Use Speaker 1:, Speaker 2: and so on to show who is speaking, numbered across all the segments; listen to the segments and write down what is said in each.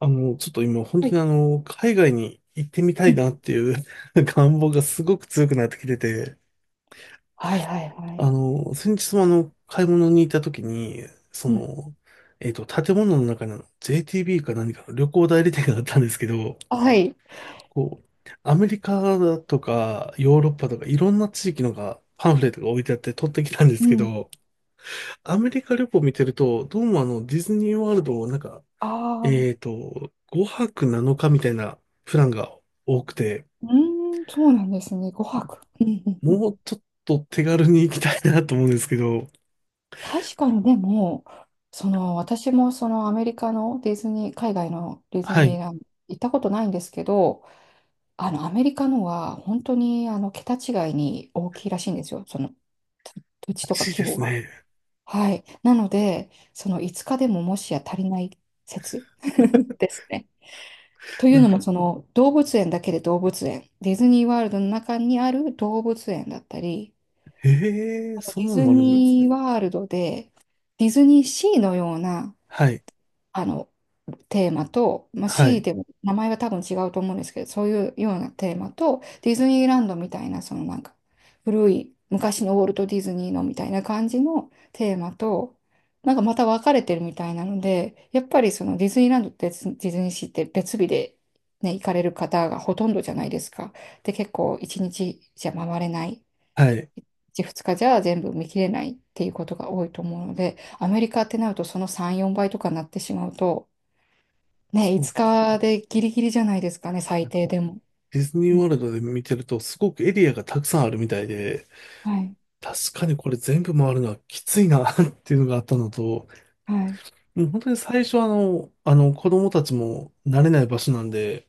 Speaker 1: ちょっと今、本
Speaker 2: は
Speaker 1: 当
Speaker 2: い。
Speaker 1: に海外に行ってみた
Speaker 2: う
Speaker 1: いな
Speaker 2: ん。
Speaker 1: っていう 願望がすごく強くなってきてて、
Speaker 2: はいはいはい。
Speaker 1: 先日も買い物に行った時に、
Speaker 2: うん。
Speaker 1: 建物の中にJTB か何かの旅行代理店があったんですけど、
Speaker 2: はい。
Speaker 1: こう、アメリカだとか、ヨーロッパとか、いろんな地域のが、パンフレットが置いてあって取ってきたんで
Speaker 2: う
Speaker 1: すけ
Speaker 2: ん。
Speaker 1: ど、アメリカ旅行見てると、どうもディズニーワールドをなんか、
Speaker 2: ああ、
Speaker 1: 5泊7日みたいなプランが多くて、
Speaker 2: そうなんですね。5泊。うんうんうん。
Speaker 1: もうちょっと手軽に行きたいなと思うんですけど。
Speaker 2: 確かにでも、私もアメリカのディズニー、海外のディズ
Speaker 1: は
Speaker 2: ニー
Speaker 1: い。
Speaker 2: ランド行ったことないんですけど、アメリカのは本当に桁違いに大きいらしいんですよ。そのと土地
Speaker 1: ら
Speaker 2: とか
Speaker 1: しい
Speaker 2: 規
Speaker 1: で
Speaker 2: 模
Speaker 1: す
Speaker 2: が。
Speaker 1: ね。
Speaker 2: はい。なので、その5日でももしや足りない説 ですね。という
Speaker 1: なん
Speaker 2: のも、
Speaker 1: か、
Speaker 2: 動物園、ディズニーワールドの中にある動物園だったり、
Speaker 1: へえ、
Speaker 2: あと
Speaker 1: そん
Speaker 2: ディ
Speaker 1: なの
Speaker 2: ズ
Speaker 1: もあるんです
Speaker 2: ニー
Speaker 1: ね。
Speaker 2: ワールドで、ディズニーシーのような
Speaker 1: はい。
Speaker 2: あの、テーマと、まあ、
Speaker 1: は
Speaker 2: C
Speaker 1: い。
Speaker 2: でも名前は多分違うと思うんですけど、そういうようなテーマと、ディズニーランドみたいな、古い、昔のウォルト・ディズニーのみたいな感じのテーマと、なんかまた分かれてるみたいなので、やっぱりそのディズニーランドってディズニーシーって別日で、ね、行かれる方がほとんどじゃないですか。で、結構1日じゃ回れない。
Speaker 1: はい。
Speaker 2: 1、2日じゃ全部見切れないっていうことが多いと思うので、アメリカってなるとその3、4倍とかになってしまうと、ね、
Speaker 1: そうで
Speaker 2: 5
Speaker 1: すよ。
Speaker 2: 日でギリギリじゃないですかね、
Speaker 1: な
Speaker 2: 最
Speaker 1: んか、
Speaker 2: 低でも。
Speaker 1: ディズニー
Speaker 2: うん、
Speaker 1: ワールドで見てると、すごくエリアがたくさんあるみたいで、
Speaker 2: はい、
Speaker 1: 確かにこれ全部回るのはきついな っていうのがあったのと、
Speaker 2: はい、
Speaker 1: もう本当に最初は子供たちも慣れない場所なんで、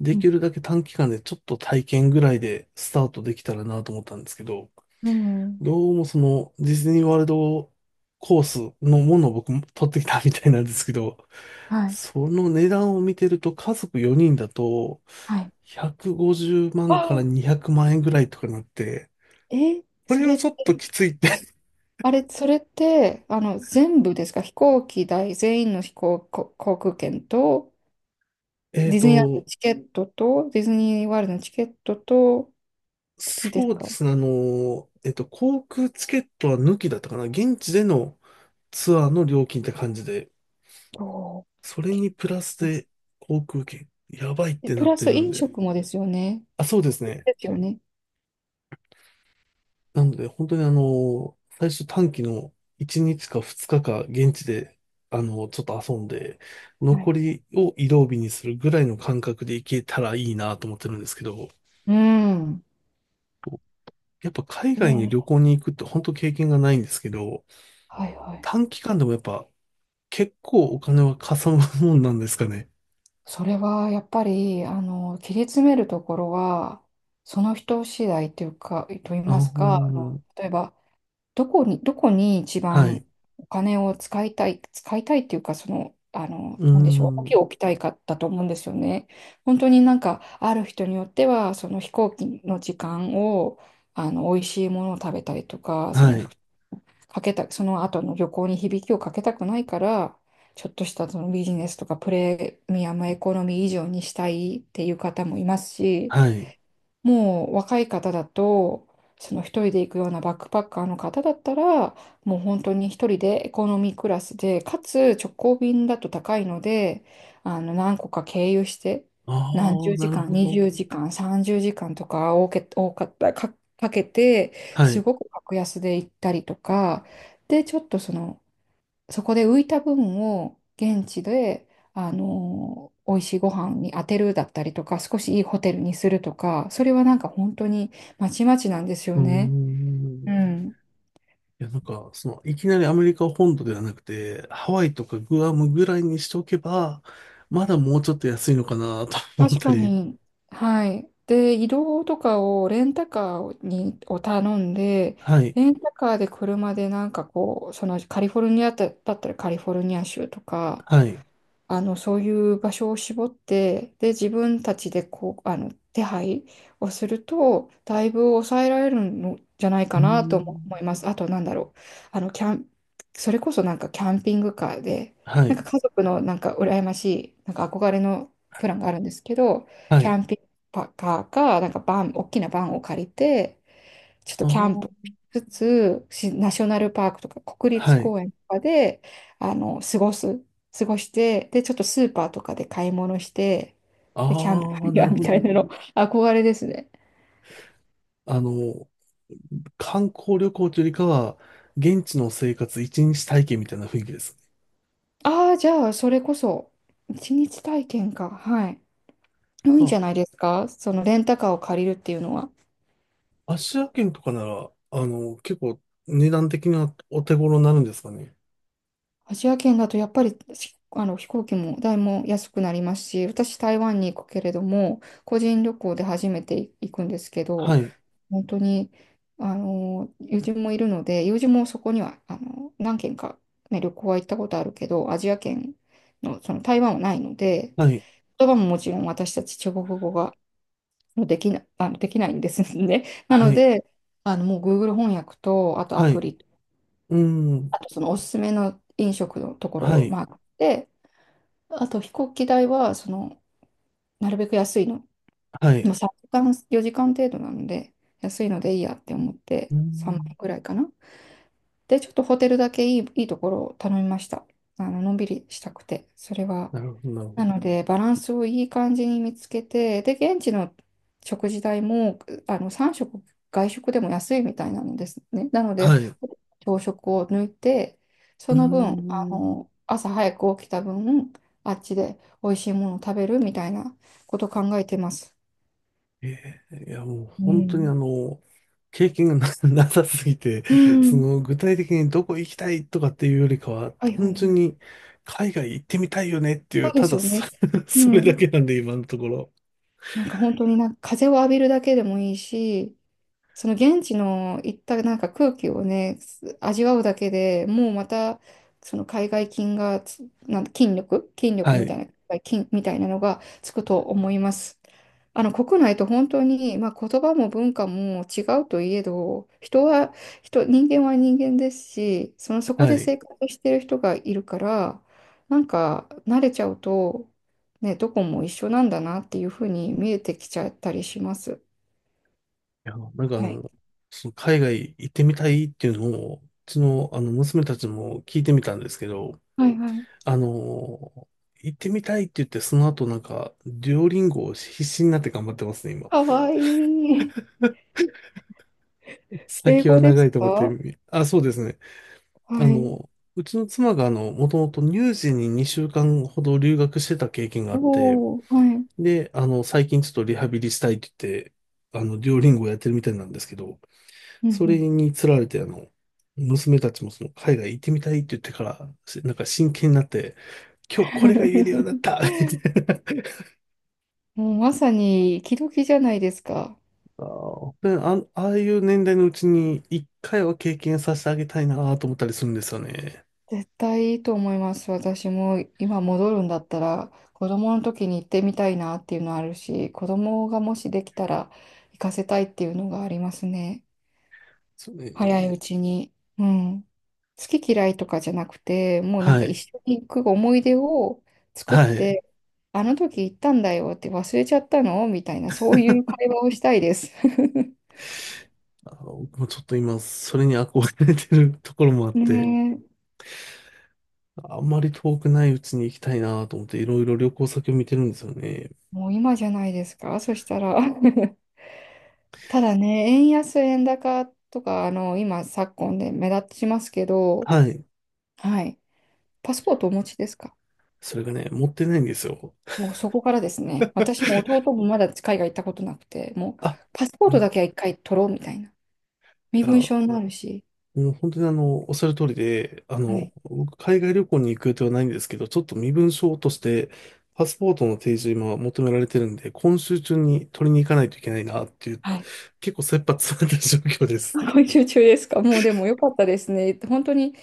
Speaker 1: で
Speaker 2: う
Speaker 1: き
Speaker 2: ん、
Speaker 1: るだけ短期間でちょっと体験ぐらいでスタートできたらなと思ったんですけど、
Speaker 2: うん
Speaker 1: どうもそのディズニーワールドコースのものを僕も取ってきたみたいなんですけど、
Speaker 2: はい、
Speaker 1: その値段を見てると家族4人だと
Speaker 2: はい。
Speaker 1: 150万から
Speaker 2: あ
Speaker 1: 200万円ぐらいとかなって、
Speaker 2: え、
Speaker 1: こ
Speaker 2: そ
Speaker 1: れは
Speaker 2: れっ
Speaker 1: ち
Speaker 2: て、
Speaker 1: ょっときついって
Speaker 2: えあれ、それって、あの、全部ですか？飛行機代、全員の飛行、こ航空券と、
Speaker 1: えっ
Speaker 2: ディズニーランドの
Speaker 1: と、
Speaker 2: チケットと、ディズニーワールドのチケットと、付きです
Speaker 1: そうで
Speaker 2: か？
Speaker 1: すね、航空チケットは抜きだったかな、現地でのツアーの料金って感じで、
Speaker 2: おー
Speaker 1: それにプラスで航空券、やばいっ
Speaker 2: で
Speaker 1: て
Speaker 2: プ
Speaker 1: なっ
Speaker 2: ラ
Speaker 1: てる
Speaker 2: ス
Speaker 1: ん
Speaker 2: 飲
Speaker 1: で。
Speaker 2: 食もですよね。
Speaker 1: あ、そうですね。
Speaker 2: ですよね。
Speaker 1: なので、本当に最初短期の1日か2日か現地で、ちょっと遊んで、
Speaker 2: は
Speaker 1: 残
Speaker 2: い。
Speaker 1: りを移動日にするぐらいの感覚で行けたらいいなと思ってるんですけど、
Speaker 2: うん。
Speaker 1: やっぱ海外に
Speaker 2: え
Speaker 1: 旅
Speaker 2: え、
Speaker 1: 行に行くって本当経験がないんですけど、
Speaker 2: はいはい。
Speaker 1: 短期間でもやっぱ結構お金はかさむもんなんですかね。
Speaker 2: それはやっぱり、あの、切り詰めるところは、その人次第というか、と言いま
Speaker 1: あ
Speaker 2: すか、
Speaker 1: あ、
Speaker 2: 例えば、どこに一
Speaker 1: はい。
Speaker 2: 番お金を使いたい、使いたいっていうか、その、
Speaker 1: うー
Speaker 2: なんでしょう、大きい
Speaker 1: ん。
Speaker 2: 置きたいかだと思うんですよね。本当になんか、ある人によっては、その飛行機の時間を、美味しいものを食べたりとか、その
Speaker 1: はい。
Speaker 2: かけた、その後の旅行に響きをかけたくないから、ちょっとしたそのビジネスとかプレミアムエコノミー以上にしたいっていう方もいますし、
Speaker 1: はい。
Speaker 2: もう若い方だと、その一人で行くようなバックパッカーの方だったら、もう本当に一人でエコノミークラスで、かつ直行便だと高いので、何個か経由して、何
Speaker 1: ああ、
Speaker 2: 十
Speaker 1: な
Speaker 2: 時
Speaker 1: る
Speaker 2: 間、
Speaker 1: ほど。
Speaker 2: 20時間、30時間とか多かった、かけて、
Speaker 1: は
Speaker 2: す
Speaker 1: い。
Speaker 2: ごく格安で行ったりとか、で、ちょっとそこで浮いた分を現地で、美味しいご飯に当てるだったりとか、少しいいホテルにするとか、それはなんか本当にまちまちなんですよ
Speaker 1: うー
Speaker 2: ね。
Speaker 1: ん。
Speaker 2: う
Speaker 1: い
Speaker 2: ん。
Speaker 1: や、なんか、いきなりアメリカ本土ではなくて、ハワイとかグアムぐらいにしておけば、まだもうちょっと安いのかなと思っ
Speaker 2: 確
Speaker 1: た
Speaker 2: か
Speaker 1: り。
Speaker 2: に。はい。で、移動とかをレンタカーにを頼んで、
Speaker 1: はい。
Speaker 2: レンタカーで車でなんかこう、カリフォルニアだったらカリフォルニア州とか、
Speaker 1: はい。
Speaker 2: そういう場所を絞って、で、自分たちでこう、手配をすると、だいぶ抑えられるのじゃない
Speaker 1: う
Speaker 2: か
Speaker 1: ー
Speaker 2: なとも思い
Speaker 1: ん。
Speaker 2: ます。あと、なんだろう。あの、キャン、それこそなんかキャンピングカーで、
Speaker 1: は
Speaker 2: なんか
Speaker 1: い。
Speaker 2: 家族のなんか羨ましい、なんか憧れのプランがあるんですけど、
Speaker 1: は
Speaker 2: キャ
Speaker 1: い。
Speaker 2: ンピングカーか、なんかバン、大きなバンを借りて、ちょっと
Speaker 1: あ
Speaker 2: キャンプ
Speaker 1: ー、
Speaker 2: しつつ、しナショナルパークとか国立
Speaker 1: はい。
Speaker 2: 公園とかで、あの、過ごす、過ごして、で、ちょっとスーパーとかで買い物して、で、キャンプフ
Speaker 1: あ
Speaker 2: ァイ
Speaker 1: あ、な
Speaker 2: ヤー
Speaker 1: る
Speaker 2: み
Speaker 1: ほ
Speaker 2: たい
Speaker 1: ど。
Speaker 2: なの、憧れですね。
Speaker 1: あの、観光旅行というよりかは、現地の生活一日体験みたいな雰囲気です。
Speaker 2: ああ、じゃあ、それこそ、一日体験か。はい。多い
Speaker 1: あ、
Speaker 2: んじゃないですか、そのレンタカーを借りるっていうのは。
Speaker 1: アジア圏とかなら、結構値段的にはお手頃になるんですかね。
Speaker 2: アジア圏だとやっぱりあの飛行機代も安くなりますし、私台湾に行くけれども、個人旅行で初めて行くんですけど、
Speaker 1: はい、
Speaker 2: 本当に、友人もいるので、友人もそこには、何軒か、ね、旅行は行ったことあるけど、アジア圏の、その台湾はないので、
Speaker 1: はい、
Speaker 2: 言葉ももちろん私たち中国語ができないんですね。な
Speaker 1: は
Speaker 2: の
Speaker 1: い、
Speaker 2: で、もう Google 翻訳と、あとア
Speaker 1: は
Speaker 2: プ
Speaker 1: い、
Speaker 2: リ、
Speaker 1: うーん、
Speaker 2: あとそのおすすめの飲食のとこ
Speaker 1: は
Speaker 2: ろを
Speaker 1: い、
Speaker 2: マークして、あと飛行機代は、なるべく安いの、
Speaker 1: は
Speaker 2: も
Speaker 1: い、
Speaker 2: う時間、4時間程度なので、安いのでいいやって思っ
Speaker 1: う
Speaker 2: て、
Speaker 1: ー
Speaker 2: 3万円
Speaker 1: ん、
Speaker 2: くらいかな。で、ちょっとホテルだけいいところを頼みました。のんびりしたくて、それは。
Speaker 1: なるほど、なるほ
Speaker 2: な
Speaker 1: ど。
Speaker 2: ので、バランスをいい感じに見つけて、で、現地の食事代も、3食、外食でも安いみたいなのですね。なので、
Speaker 1: はい、
Speaker 2: 朝食を抜いて、そ
Speaker 1: うー
Speaker 2: の分、
Speaker 1: ん、
Speaker 2: 朝早く起きた分、あっちで美味しいものを食べるみたいなことを考えてます。
Speaker 1: いや、もう
Speaker 2: う
Speaker 1: 本当に
Speaker 2: ん。
Speaker 1: 経験がなさすぎて、
Speaker 2: う
Speaker 1: そ
Speaker 2: ん。
Speaker 1: の具体的にどこ行きたいとかっていうよりかは、
Speaker 2: はいは
Speaker 1: 単
Speaker 2: いは
Speaker 1: 純
Speaker 2: い。
Speaker 1: に海外行ってみたいよねってい
Speaker 2: そ
Speaker 1: う、
Speaker 2: うで
Speaker 1: た
Speaker 2: す
Speaker 1: だ
Speaker 2: よね。
Speaker 1: そ
Speaker 2: う
Speaker 1: れだ
Speaker 2: ん。
Speaker 1: けなんで今のところ。
Speaker 2: なんか本当になんか風を浴びるだけでもいいし、その現地の行ったなんか空気をね、味わうだけでもうまた、その海外菌がつ、なん筋力、筋力
Speaker 1: は
Speaker 2: み
Speaker 1: い、
Speaker 2: たいな、筋みたいなのがつくと思います。あの国内と本当に、まあ、言葉も文化も違うといえど、人は人間は人間ですし、そこ
Speaker 1: は
Speaker 2: で
Speaker 1: い。い
Speaker 2: 生活してる人がいるから、なんか慣れちゃうと、ね、どこも一緒なんだなっていうふうに見えてきちゃったりします。
Speaker 1: や、なんか
Speaker 2: はい。
Speaker 1: その海外行ってみたいっていうのを、うちのあの娘たちも聞いてみたんですけど、
Speaker 2: はいはい、
Speaker 1: あのー行ってみたいって言って、その後なんか、デュオリンゴを必死になって頑張ってますね、今。
Speaker 2: かわいい。英
Speaker 1: 先は
Speaker 2: 語で
Speaker 1: 長
Speaker 2: す
Speaker 1: いと思って。
Speaker 2: か？
Speaker 1: あ、そうですね。あ
Speaker 2: はい。
Speaker 1: の、うちの妻がもともと乳児に2週間ほど留学してた経験があって、
Speaker 2: おお、はい。うん
Speaker 1: で、最近ちょっとリハビリしたいって言って、デュオリンゴをやってるみたいなんですけど、
Speaker 2: う
Speaker 1: それ
Speaker 2: ん。
Speaker 1: につられて、娘たちもその海外行ってみたいって言ってから、なんか真剣になって、今日これが言えるようになっ たって言って。
Speaker 2: もうまさに、時々じゃないですか。
Speaker 1: で、あ、ああいう年代のうちに一回は経験させてあげたいなと思ったりするんですよね。
Speaker 2: 絶対いいと思います。私も今戻るんだったら、子供の時に行ってみたいなっていうのあるし、子供がもしできたら行かせたいっていうのがありますね。
Speaker 1: そう
Speaker 2: 早い
Speaker 1: ね。
Speaker 2: うちに。うん。好き嫌いとかじゃなくて、もうなん
Speaker 1: は
Speaker 2: か一
Speaker 1: い。
Speaker 2: 緒に行く思い出を作っ
Speaker 1: はい。
Speaker 2: て、あの時行ったんだよって忘れちゃったのみたいな、そういう会話をしたいです。
Speaker 1: あの、もうちょっと今、それに憧れてるところもあって、
Speaker 2: ねえ、
Speaker 1: あんまり遠くないうちに行きたいなと思って、いろいろ旅行先を見てるんですよね。
Speaker 2: もう今じゃないですか、そしたら。ただね、円安、円高とか、昨今で目立ちますけど、
Speaker 1: はい。
Speaker 2: はい。パスポートお持ちですか？
Speaker 1: それがね、持ってないんですよ。
Speaker 2: もうそこからですね、私も弟もまだ海外行ったことなくて、もう
Speaker 1: あ、
Speaker 2: パスポー
Speaker 1: う
Speaker 2: ト
Speaker 1: ん、い
Speaker 2: だけは一回取ろうみたいな。身分
Speaker 1: や、
Speaker 2: 証になるし、
Speaker 1: うん、本当におっしゃる通りで、
Speaker 2: はい。
Speaker 1: 僕、海外旅行に行く予定はないんですけど、ちょっと身分証として、パスポートの提示を今求められてるんで、今週中に取りに行かないといけないなっていう、
Speaker 2: はい。
Speaker 1: 結構切羽詰まった状況で す。
Speaker 2: 今週中ですか？もうでも良かったですね。本当に、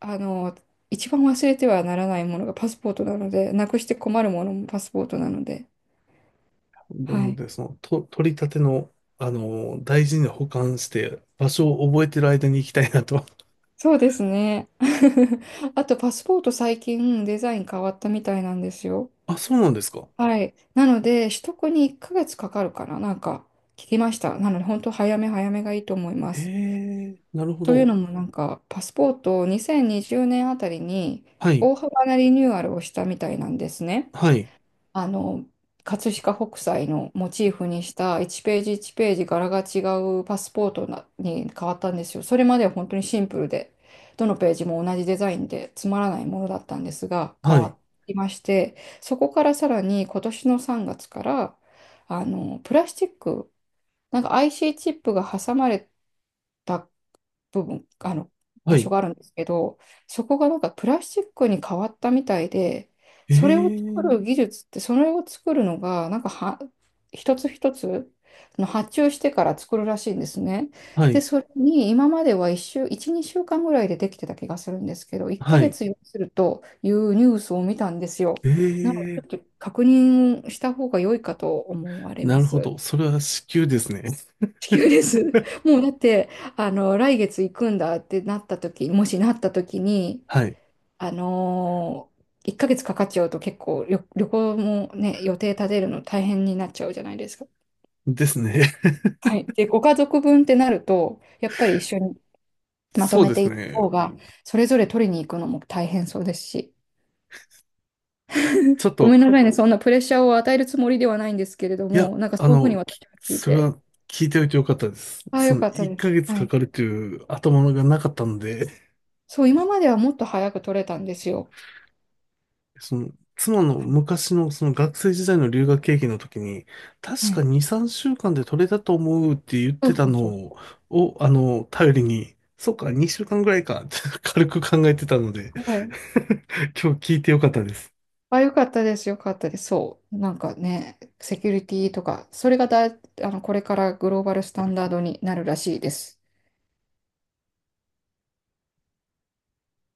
Speaker 2: あの、一番忘れてはならないものがパスポートなので、なくして困るものもパスポートなので。
Speaker 1: な
Speaker 2: は
Speaker 1: の
Speaker 2: い。
Speaker 1: で、取り立ての、大事に保管して、場所を覚えてる間に行きたいなと。
Speaker 2: そうですね。あと、パスポート最近デザイン変わったみたいなんですよ。
Speaker 1: あ、そうなんですか。
Speaker 2: はい。なので、取得に1ヶ月かかるかな、なんか聞きました。なので、本当早め早めがいいと思いま
Speaker 1: へ
Speaker 2: す。
Speaker 1: え、なるほ
Speaker 2: という
Speaker 1: ど。
Speaker 2: のも、なんか、パスポートを2020年あたりに
Speaker 1: はい、
Speaker 2: 大幅なリニューアルをしたみたいなんですね。
Speaker 1: はい、
Speaker 2: あの、葛飾北斎のモチーフにした1ページ1ページ柄が違うパスポートに変わったんですよ。それまでは本当にシンプルで、どのページも同じデザインでつまらないものだったんですが、変
Speaker 1: はい、
Speaker 2: わりまして、そこからさらに今年の3月から、あの、プラスチック、なんか IC チップが挟まれた部分、
Speaker 1: は
Speaker 2: 場所
Speaker 1: い。
Speaker 2: があるんですけど、そこがなんかプラスチックに変わったみたいで、
Speaker 1: へえ、
Speaker 2: それを作るのが、なんかは、一つ一つの発注してから作るらしいんですね。
Speaker 1: は
Speaker 2: で、
Speaker 1: い、
Speaker 2: それに今までは1、2週間ぐらいでできてた気がするんですけど、1
Speaker 1: は
Speaker 2: ヶ
Speaker 1: い。
Speaker 2: 月要するというニュースを見たんですよ。
Speaker 1: へ
Speaker 2: なので、
Speaker 1: え。
Speaker 2: ちょっと確認した方が良いかと思われ
Speaker 1: な
Speaker 2: ま
Speaker 1: るほ
Speaker 2: す。
Speaker 1: ど。それは至急ですね。
Speaker 2: 地球です。もうだって、あの、来月行くんだってなった時、もしなった時に、
Speaker 1: はい。
Speaker 2: あのー、1ヶ月かかっちゃうと結構旅行もね、予定立てるの大変になっちゃうじゃないですか。
Speaker 1: ですね。
Speaker 2: はい。で、ご家族分ってなると、やっぱり一緒に まと
Speaker 1: そう
Speaker 2: め
Speaker 1: で
Speaker 2: てい
Speaker 1: す
Speaker 2: った
Speaker 1: ね。
Speaker 2: 方が、それぞれ取りに行くのも大変そうですし、
Speaker 1: ちょっ
Speaker 2: ご
Speaker 1: と、
Speaker 2: めんなさいね、そんなプレッシャーを与えるつもりではないんですけれど
Speaker 1: いや、
Speaker 2: も、なんかそういうふうに私は聞い
Speaker 1: それ
Speaker 2: て、
Speaker 1: は聞いておいてよかったです。
Speaker 2: ああ、よかった
Speaker 1: 1
Speaker 2: です。
Speaker 1: ヶ月
Speaker 2: は
Speaker 1: か
Speaker 2: い。
Speaker 1: かるという頭がなかったので、
Speaker 2: そう、今まではもっと早く取れたんですよ。
Speaker 1: その、妻の
Speaker 2: はい
Speaker 1: 昔のその学生時代の留学経験の時に、確
Speaker 2: は
Speaker 1: か
Speaker 2: い、
Speaker 1: 2、3週間で取れたと思うって言っ
Speaker 2: そ
Speaker 1: て
Speaker 2: う
Speaker 1: た
Speaker 2: そう
Speaker 1: の
Speaker 2: そう
Speaker 1: を、
Speaker 2: そ
Speaker 1: を頼りに、そっか、2週間ぐらいかって軽く考えてたので
Speaker 2: う。はい。
Speaker 1: 今日聞いてよかったです。
Speaker 2: あ、よかったです。よかったです。そう。なんかね、セキュリティとか、それがだい、あの、これからグローバルスタンダードになるらしいです。